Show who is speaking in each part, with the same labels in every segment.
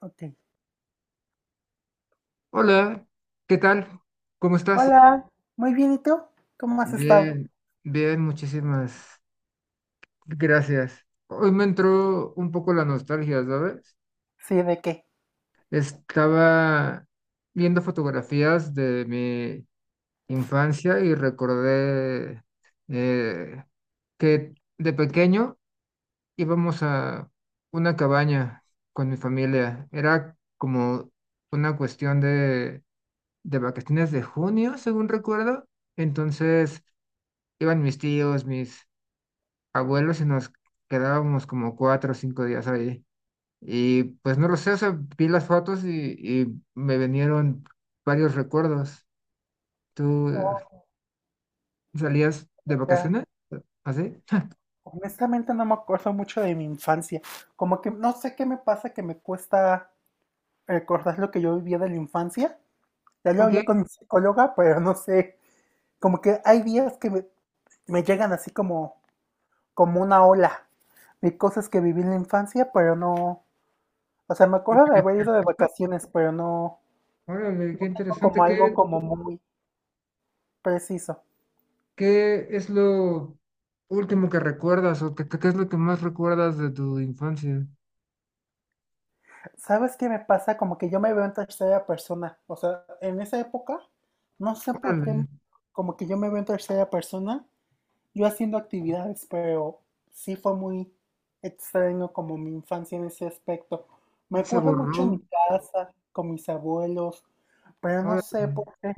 Speaker 1: Ok.
Speaker 2: Hola, ¿qué tal? ¿Cómo estás?
Speaker 1: Hola, muy bien, ¿y tú? ¿Cómo has estado?
Speaker 2: Bien, bien, muchísimas gracias. Hoy me entró un poco la nostalgia, ¿sabes?
Speaker 1: Sí, ¿de qué?
Speaker 2: Estaba viendo fotografías de mi infancia y recordé eh, que de pequeño íbamos a una cabaña con mi familia. Era como una cuestión de vacaciones de junio, según recuerdo. Entonces iban mis tíos, mis abuelos y nos quedábamos como 4 o 5 días ahí. Y pues no lo sé, o sea, vi las fotos y me vinieron varios recuerdos. ¿Tú
Speaker 1: Oh,
Speaker 2: salías de
Speaker 1: ya.
Speaker 2: vacaciones? ¿Así?
Speaker 1: Honestamente no me acuerdo mucho de mi infancia. Como que no sé qué me pasa que me cuesta recordar lo que yo vivía de la infancia. Ya lo
Speaker 2: Ok.
Speaker 1: hablé con mi psicóloga, pero no sé. Como que hay días que me llegan así como, como una ola de cosas que viví en la infancia, pero no. O sea, me acuerdo de haber ido de
Speaker 2: Perfecto.
Speaker 1: vacaciones, pero no,
Speaker 2: Órale,
Speaker 1: no
Speaker 2: qué
Speaker 1: tengo
Speaker 2: interesante.
Speaker 1: como algo como muy preciso.
Speaker 2: ¿Qué es lo último que recuerdas o qué es lo que más recuerdas de tu infancia?
Speaker 1: ¿Sabes qué me pasa? Como que yo me veo en tercera persona. O sea, en esa época, no sé por qué,
Speaker 2: Órale,
Speaker 1: como que yo me veo en tercera persona, yo haciendo actividades, pero sí fue muy extraño como mi infancia en ese aspecto. Me
Speaker 2: se
Speaker 1: acuerdo mucho en mi
Speaker 2: borró.
Speaker 1: casa, con mis abuelos, pero no
Speaker 2: Órale,
Speaker 1: sé por qué.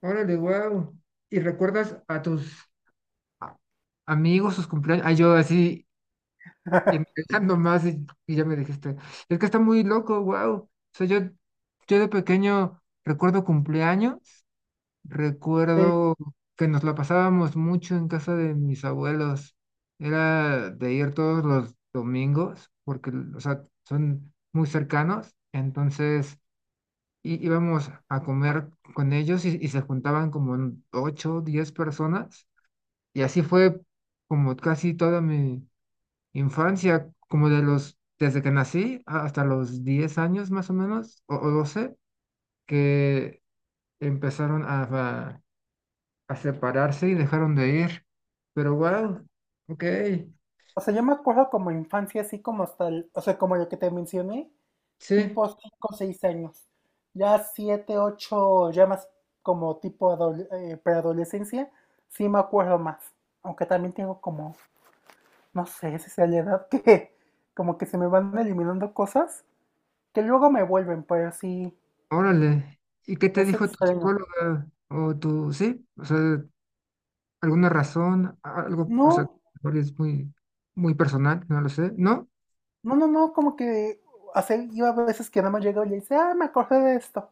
Speaker 2: órale, wow. ¿Y recuerdas a tus a- amigos, sus cumpleaños? Ay, yo así, intentando más y ya me dijiste, es que está muy loco, wow. O sea, yo de pequeño recuerdo cumpleaños,
Speaker 1: Sí.
Speaker 2: recuerdo que nos la pasábamos mucho en casa de mis abuelos. Era de ir todos los domingos, porque, o sea, son muy cercanos, entonces íbamos a comer con ellos y se juntaban como en ocho, diez personas y así fue como casi toda mi infancia, como de los, desde que nací hasta los 10 años más o menos, o 12, que empezaron a, a separarse y dejaron de ir. Pero wow, ok,
Speaker 1: O sea, yo me acuerdo como infancia, así como hasta, o sea, como lo que te mencioné,
Speaker 2: sí,
Speaker 1: tipo 5 o 6 años. Ya 7 u 8 ya más como tipo preadolescencia, sí me acuerdo más. Aunque también tengo como, no sé si sea la edad que como que se me van eliminando cosas que luego me vuelven, pero sí,
Speaker 2: órale. ¿Y qué te
Speaker 1: es
Speaker 2: dijo tu
Speaker 1: extraño.
Speaker 2: psicóloga? O tu, sí, o sea, alguna razón, algo, o sea,
Speaker 1: No,
Speaker 2: es muy, muy personal, no lo sé. No,
Speaker 1: no, como que, hace yo a veces que nada más llegaba y le dice, ah, me acordé de esto.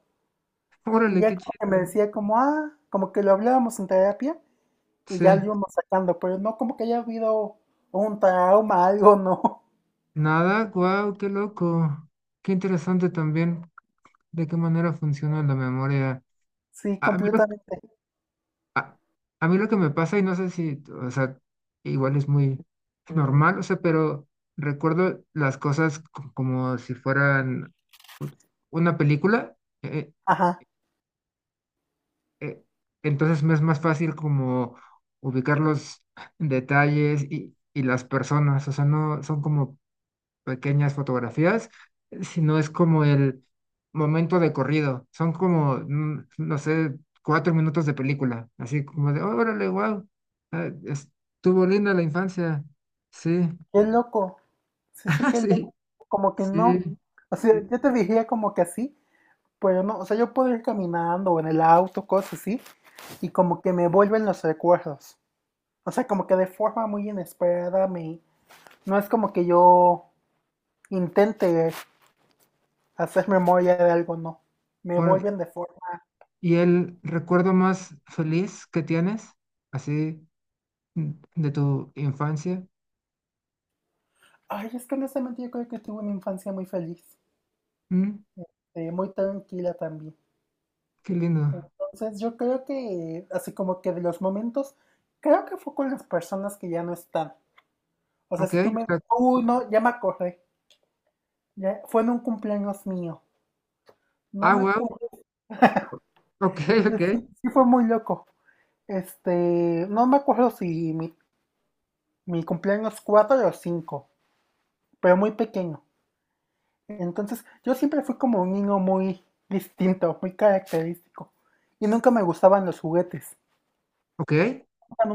Speaker 1: Y
Speaker 2: órale,
Speaker 1: ya
Speaker 2: qué
Speaker 1: como que me
Speaker 2: chido.
Speaker 1: decía como, ah, como que lo hablábamos en terapia y
Speaker 2: Sí.
Speaker 1: ya lo íbamos sacando, pero no como que haya habido un trauma, algo, no.
Speaker 2: Nada, guau, qué loco. Qué interesante también de qué manera funciona la memoria.
Speaker 1: Sí,
Speaker 2: A a mí lo,
Speaker 1: completamente.
Speaker 2: a, a mí lo que me pasa, y no sé si, o sea, igual es muy normal, o sea, pero recuerdo las cosas como si fueran u- una película. eh,
Speaker 1: Ajá,
Speaker 2: eh, entonces me es más fácil como ubicar los detalles y las personas, o sea, no son como pequeñas fotografías, sino es como el momento de corrido. Son como, mm, no sé, 4 minutos de película, así como de, órale, wow, estuvo linda la infancia. Sí,
Speaker 1: qué loco. Sí, sí, qué loco.
Speaker 2: sí,
Speaker 1: Como que no.
Speaker 2: sí.
Speaker 1: O sea, yo te diría como que así, pero no. O sea, yo puedo ir caminando o en el auto, cosas así, y como que me vuelven los recuerdos. O sea, como que de forma muy inesperada me... No es como que yo intente hacer memoria de algo, no. Me
Speaker 2: Ahora,
Speaker 1: vuelven de forma...
Speaker 2: ¿y el recuerdo más feliz que tienes, así, mm, de tu infancia?
Speaker 1: Ay, es que honestamente yo creo que tuve una infancia muy feliz.
Speaker 2: Mm,
Speaker 1: Muy tranquila también.
Speaker 2: qué lindo.
Speaker 1: Entonces yo creo que, así como que de los momentos, creo que fue con las personas que ya no están. O sea,
Speaker 2: Ok,
Speaker 1: si
Speaker 2: o
Speaker 1: tú me...
Speaker 2: sea,
Speaker 1: Uy, no, ya me acordé. Ya, fue en un cumpleaños mío. No
Speaker 2: ah,
Speaker 1: me
Speaker 2: wow,
Speaker 1: acuerdo.
Speaker 2: ok, ok,
Speaker 1: Sí, sí fue muy loco. Este, no me acuerdo si mi cumpleaños 4 o 5, pero muy pequeño. Entonces, yo siempre fui como un niño muy distinto, muy característico. Y nunca me gustaban los juguetes.
Speaker 2: ok,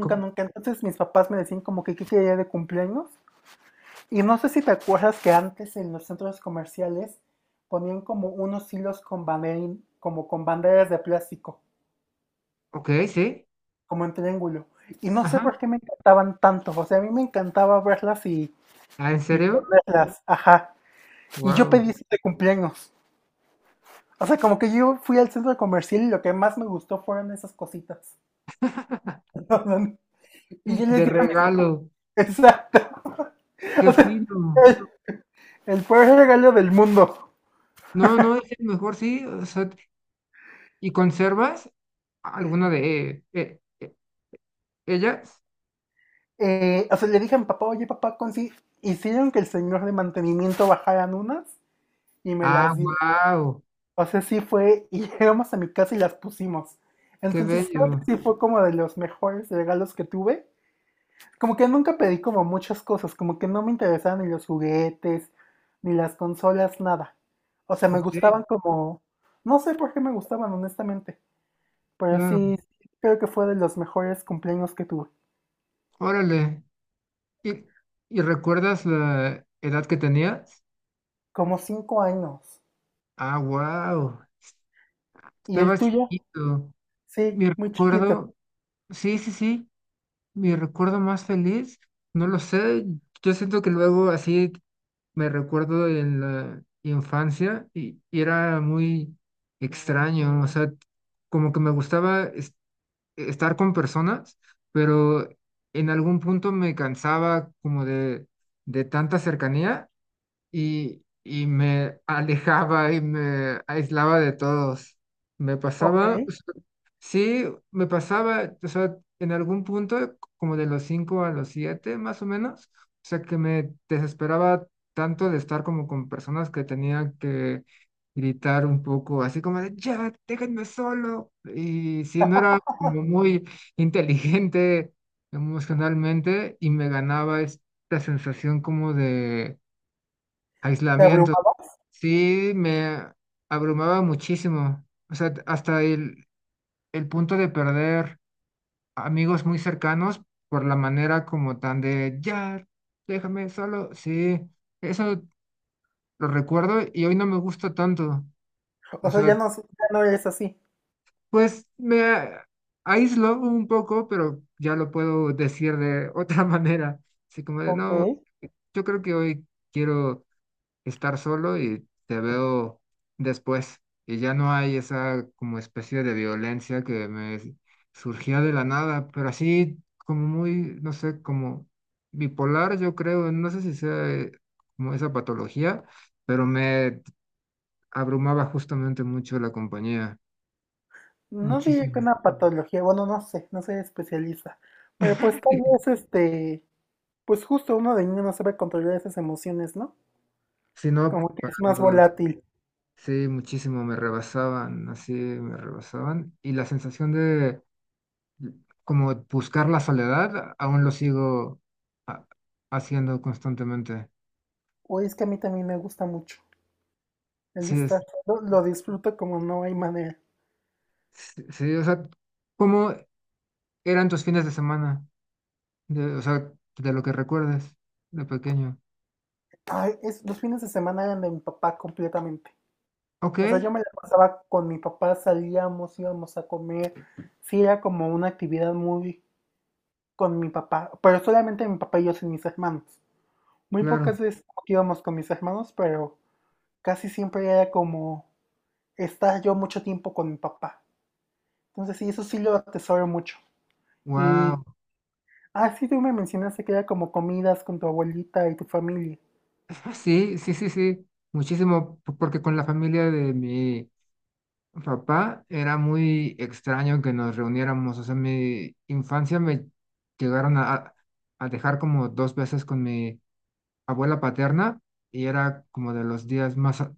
Speaker 2: co-
Speaker 1: nunca. Entonces mis papás me decían como que qué quería de cumpleaños. Y no sé si te acuerdas que antes en los centros comerciales ponían como unos hilos con banderín, como con banderas de plástico,
Speaker 2: ok, sí,
Speaker 1: como en triángulo. Y no sé
Speaker 2: ajá,
Speaker 1: por qué me encantaban tanto. O sea, a mí me encantaba verlas
Speaker 2: ah, ¿en
Speaker 1: y
Speaker 2: serio?
Speaker 1: ponerlas. Ajá. Y yo
Speaker 2: Wow,
Speaker 1: pedí eso de cumpleaños. O sea, como que yo fui al centro comercial y lo que más me gustó fueron esas cositas. Y yo les
Speaker 2: de
Speaker 1: dije a mis papás,
Speaker 2: regalo,
Speaker 1: exacto,
Speaker 2: qué fino.
Speaker 1: el, el peor regalo del mundo.
Speaker 2: No, no, es el mejor, sí, o sea, ¿y conservas alguna de ellas?
Speaker 1: O sea, le dije a mi papá, oye papá, consi hicieron que el señor de mantenimiento bajaran unas y me
Speaker 2: Ah,
Speaker 1: las dio.
Speaker 2: wow,
Speaker 1: O sea, sí fue, y llegamos a mi casa y las pusimos.
Speaker 2: qué
Speaker 1: Entonces creo
Speaker 2: bello.
Speaker 1: que sí fue como de los mejores regalos que tuve. Como que nunca pedí como muchas cosas, como que no me interesaban ni los juguetes, ni las consolas, nada. O sea, me
Speaker 2: Ok,
Speaker 1: gustaban como, no sé por qué me gustaban, honestamente, pero
Speaker 2: claro.
Speaker 1: sí, creo que fue de los mejores cumpleaños que tuve,
Speaker 2: Órale. ¿Y, ¿y recuerdas la edad que tenías?
Speaker 1: como 5 años.
Speaker 2: Ah, wow,
Speaker 1: ¿Y el
Speaker 2: estabas
Speaker 1: tuyo?
Speaker 2: chiquito.
Speaker 1: Sí,
Speaker 2: Mi
Speaker 1: muy chiquito.
Speaker 2: recuerdo, sí, sí, sí, mi recuerdo más feliz, no lo sé. Yo siento que luego así me recuerdo en la infancia y era muy extraño, o sea, como que me gustaba estar con personas, pero en algún punto me cansaba como de tanta cercanía y me alejaba y me aislaba de todos. Me
Speaker 1: Ok.
Speaker 2: pasaba. Sí, me pasaba, o sea, en algún punto, como de los 5 a los 7, más o menos, o sea, que me desesperaba tanto de estar como con personas que tenía que gritar un poco, así como de, ya, déjenme solo. Y si no, era como muy inteligente emocionalmente y me ganaba esta sensación como de
Speaker 1: ¿Te
Speaker 2: aislamiento.
Speaker 1: abrumaba?
Speaker 2: Sí, me abrumaba muchísimo, o sea, hasta el punto de perder amigos muy cercanos por la manera como tan de, ya, déjame solo. Sí, eso lo recuerdo y hoy no me gusta tanto.
Speaker 1: O
Speaker 2: O
Speaker 1: sea, ya
Speaker 2: sea,
Speaker 1: no, ya no eres así.
Speaker 2: pues me aíslo un poco, pero ya lo puedo decir de otra manera. Así como de,
Speaker 1: Ok.
Speaker 2: no, yo creo que hoy quiero estar solo y te veo después. Y ya no hay esa como especie de violencia que me surgía de la nada, pero así como muy, no sé, como bipolar, yo creo, no sé si sea como esa patología, pero me abrumaba justamente mucho la compañía,
Speaker 1: No diría que
Speaker 2: muchísimo.
Speaker 1: una patología, bueno, no sé, no soy especialista. Pero pues tal vez este, pues justo uno de niño no sabe controlar esas emociones, ¿no?
Speaker 2: Si no,
Speaker 1: Como que
Speaker 2: para
Speaker 1: es más
Speaker 2: nada.
Speaker 1: volátil.
Speaker 2: Sí, muchísimo, me rebasaban, así me rebasaban. Y la sensación de como buscar la soledad, aún lo sigo ha- haciendo constantemente.
Speaker 1: O es que a mí también me gusta mucho el
Speaker 2: Sí, es,
Speaker 1: estar solo, lo disfruto como no hay manera.
Speaker 2: sí, sí, o sea, ¿cómo eran tus fines de semana? De, o sea, de lo que recuerdes de pequeño.
Speaker 1: Ay, es, los fines de semana eran de mi papá completamente.
Speaker 2: Ok,
Speaker 1: O sea, yo me la pasaba con mi papá, salíamos, íbamos a comer. Sí, era como una actividad muy con mi papá, pero solamente mi papá y yo sin mis hermanos. Muy
Speaker 2: claro.
Speaker 1: pocas veces íbamos con mis hermanos, pero casi siempre era como estar yo mucho tiempo con mi papá. Entonces sí, eso sí lo atesoro mucho. Y
Speaker 2: Wow.
Speaker 1: así tú me mencionaste que era como comidas con tu abuelita y tu familia.
Speaker 2: Sí, sí, sí, sí. Muchísimo, porque con la familia de mi papá era muy extraño que nos reuniéramos. O sea, mi infancia me llegaron a dejar como dos veces con mi abuela paterna y era como de los días más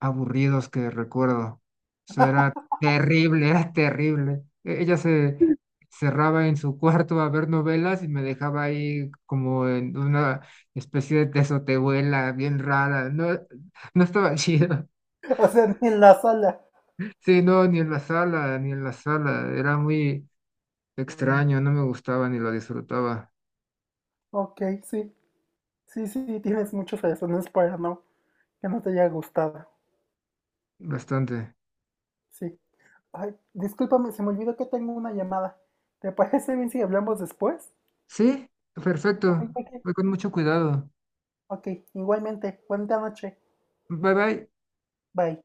Speaker 2: aburridos que recuerdo. Eso era terrible, era terrible. Ella se cerraba en su cuarto a ver novelas y me dejaba ahí como en una especie de tesotebuela bien rara. No, no estaba chido.
Speaker 1: O sea, en la sala.
Speaker 2: Sí, no, ni en la sala, ni en la sala. Era muy extraño, no me gustaba ni lo disfrutaba
Speaker 1: Ok, sí. Sí, sí, sí, tienes muchas razones para no, que no te haya gustado.
Speaker 2: bastante.
Speaker 1: Sí. Ay, discúlpame, se me olvidó que tengo una llamada. ¿Te parece bien si hablamos después?
Speaker 2: Sí,
Speaker 1: Ok,
Speaker 2: perfecto.
Speaker 1: ok.
Speaker 2: Voy con mucho cuidado.
Speaker 1: Ok, igualmente, buena noche,
Speaker 2: Bye bye.
Speaker 1: bye.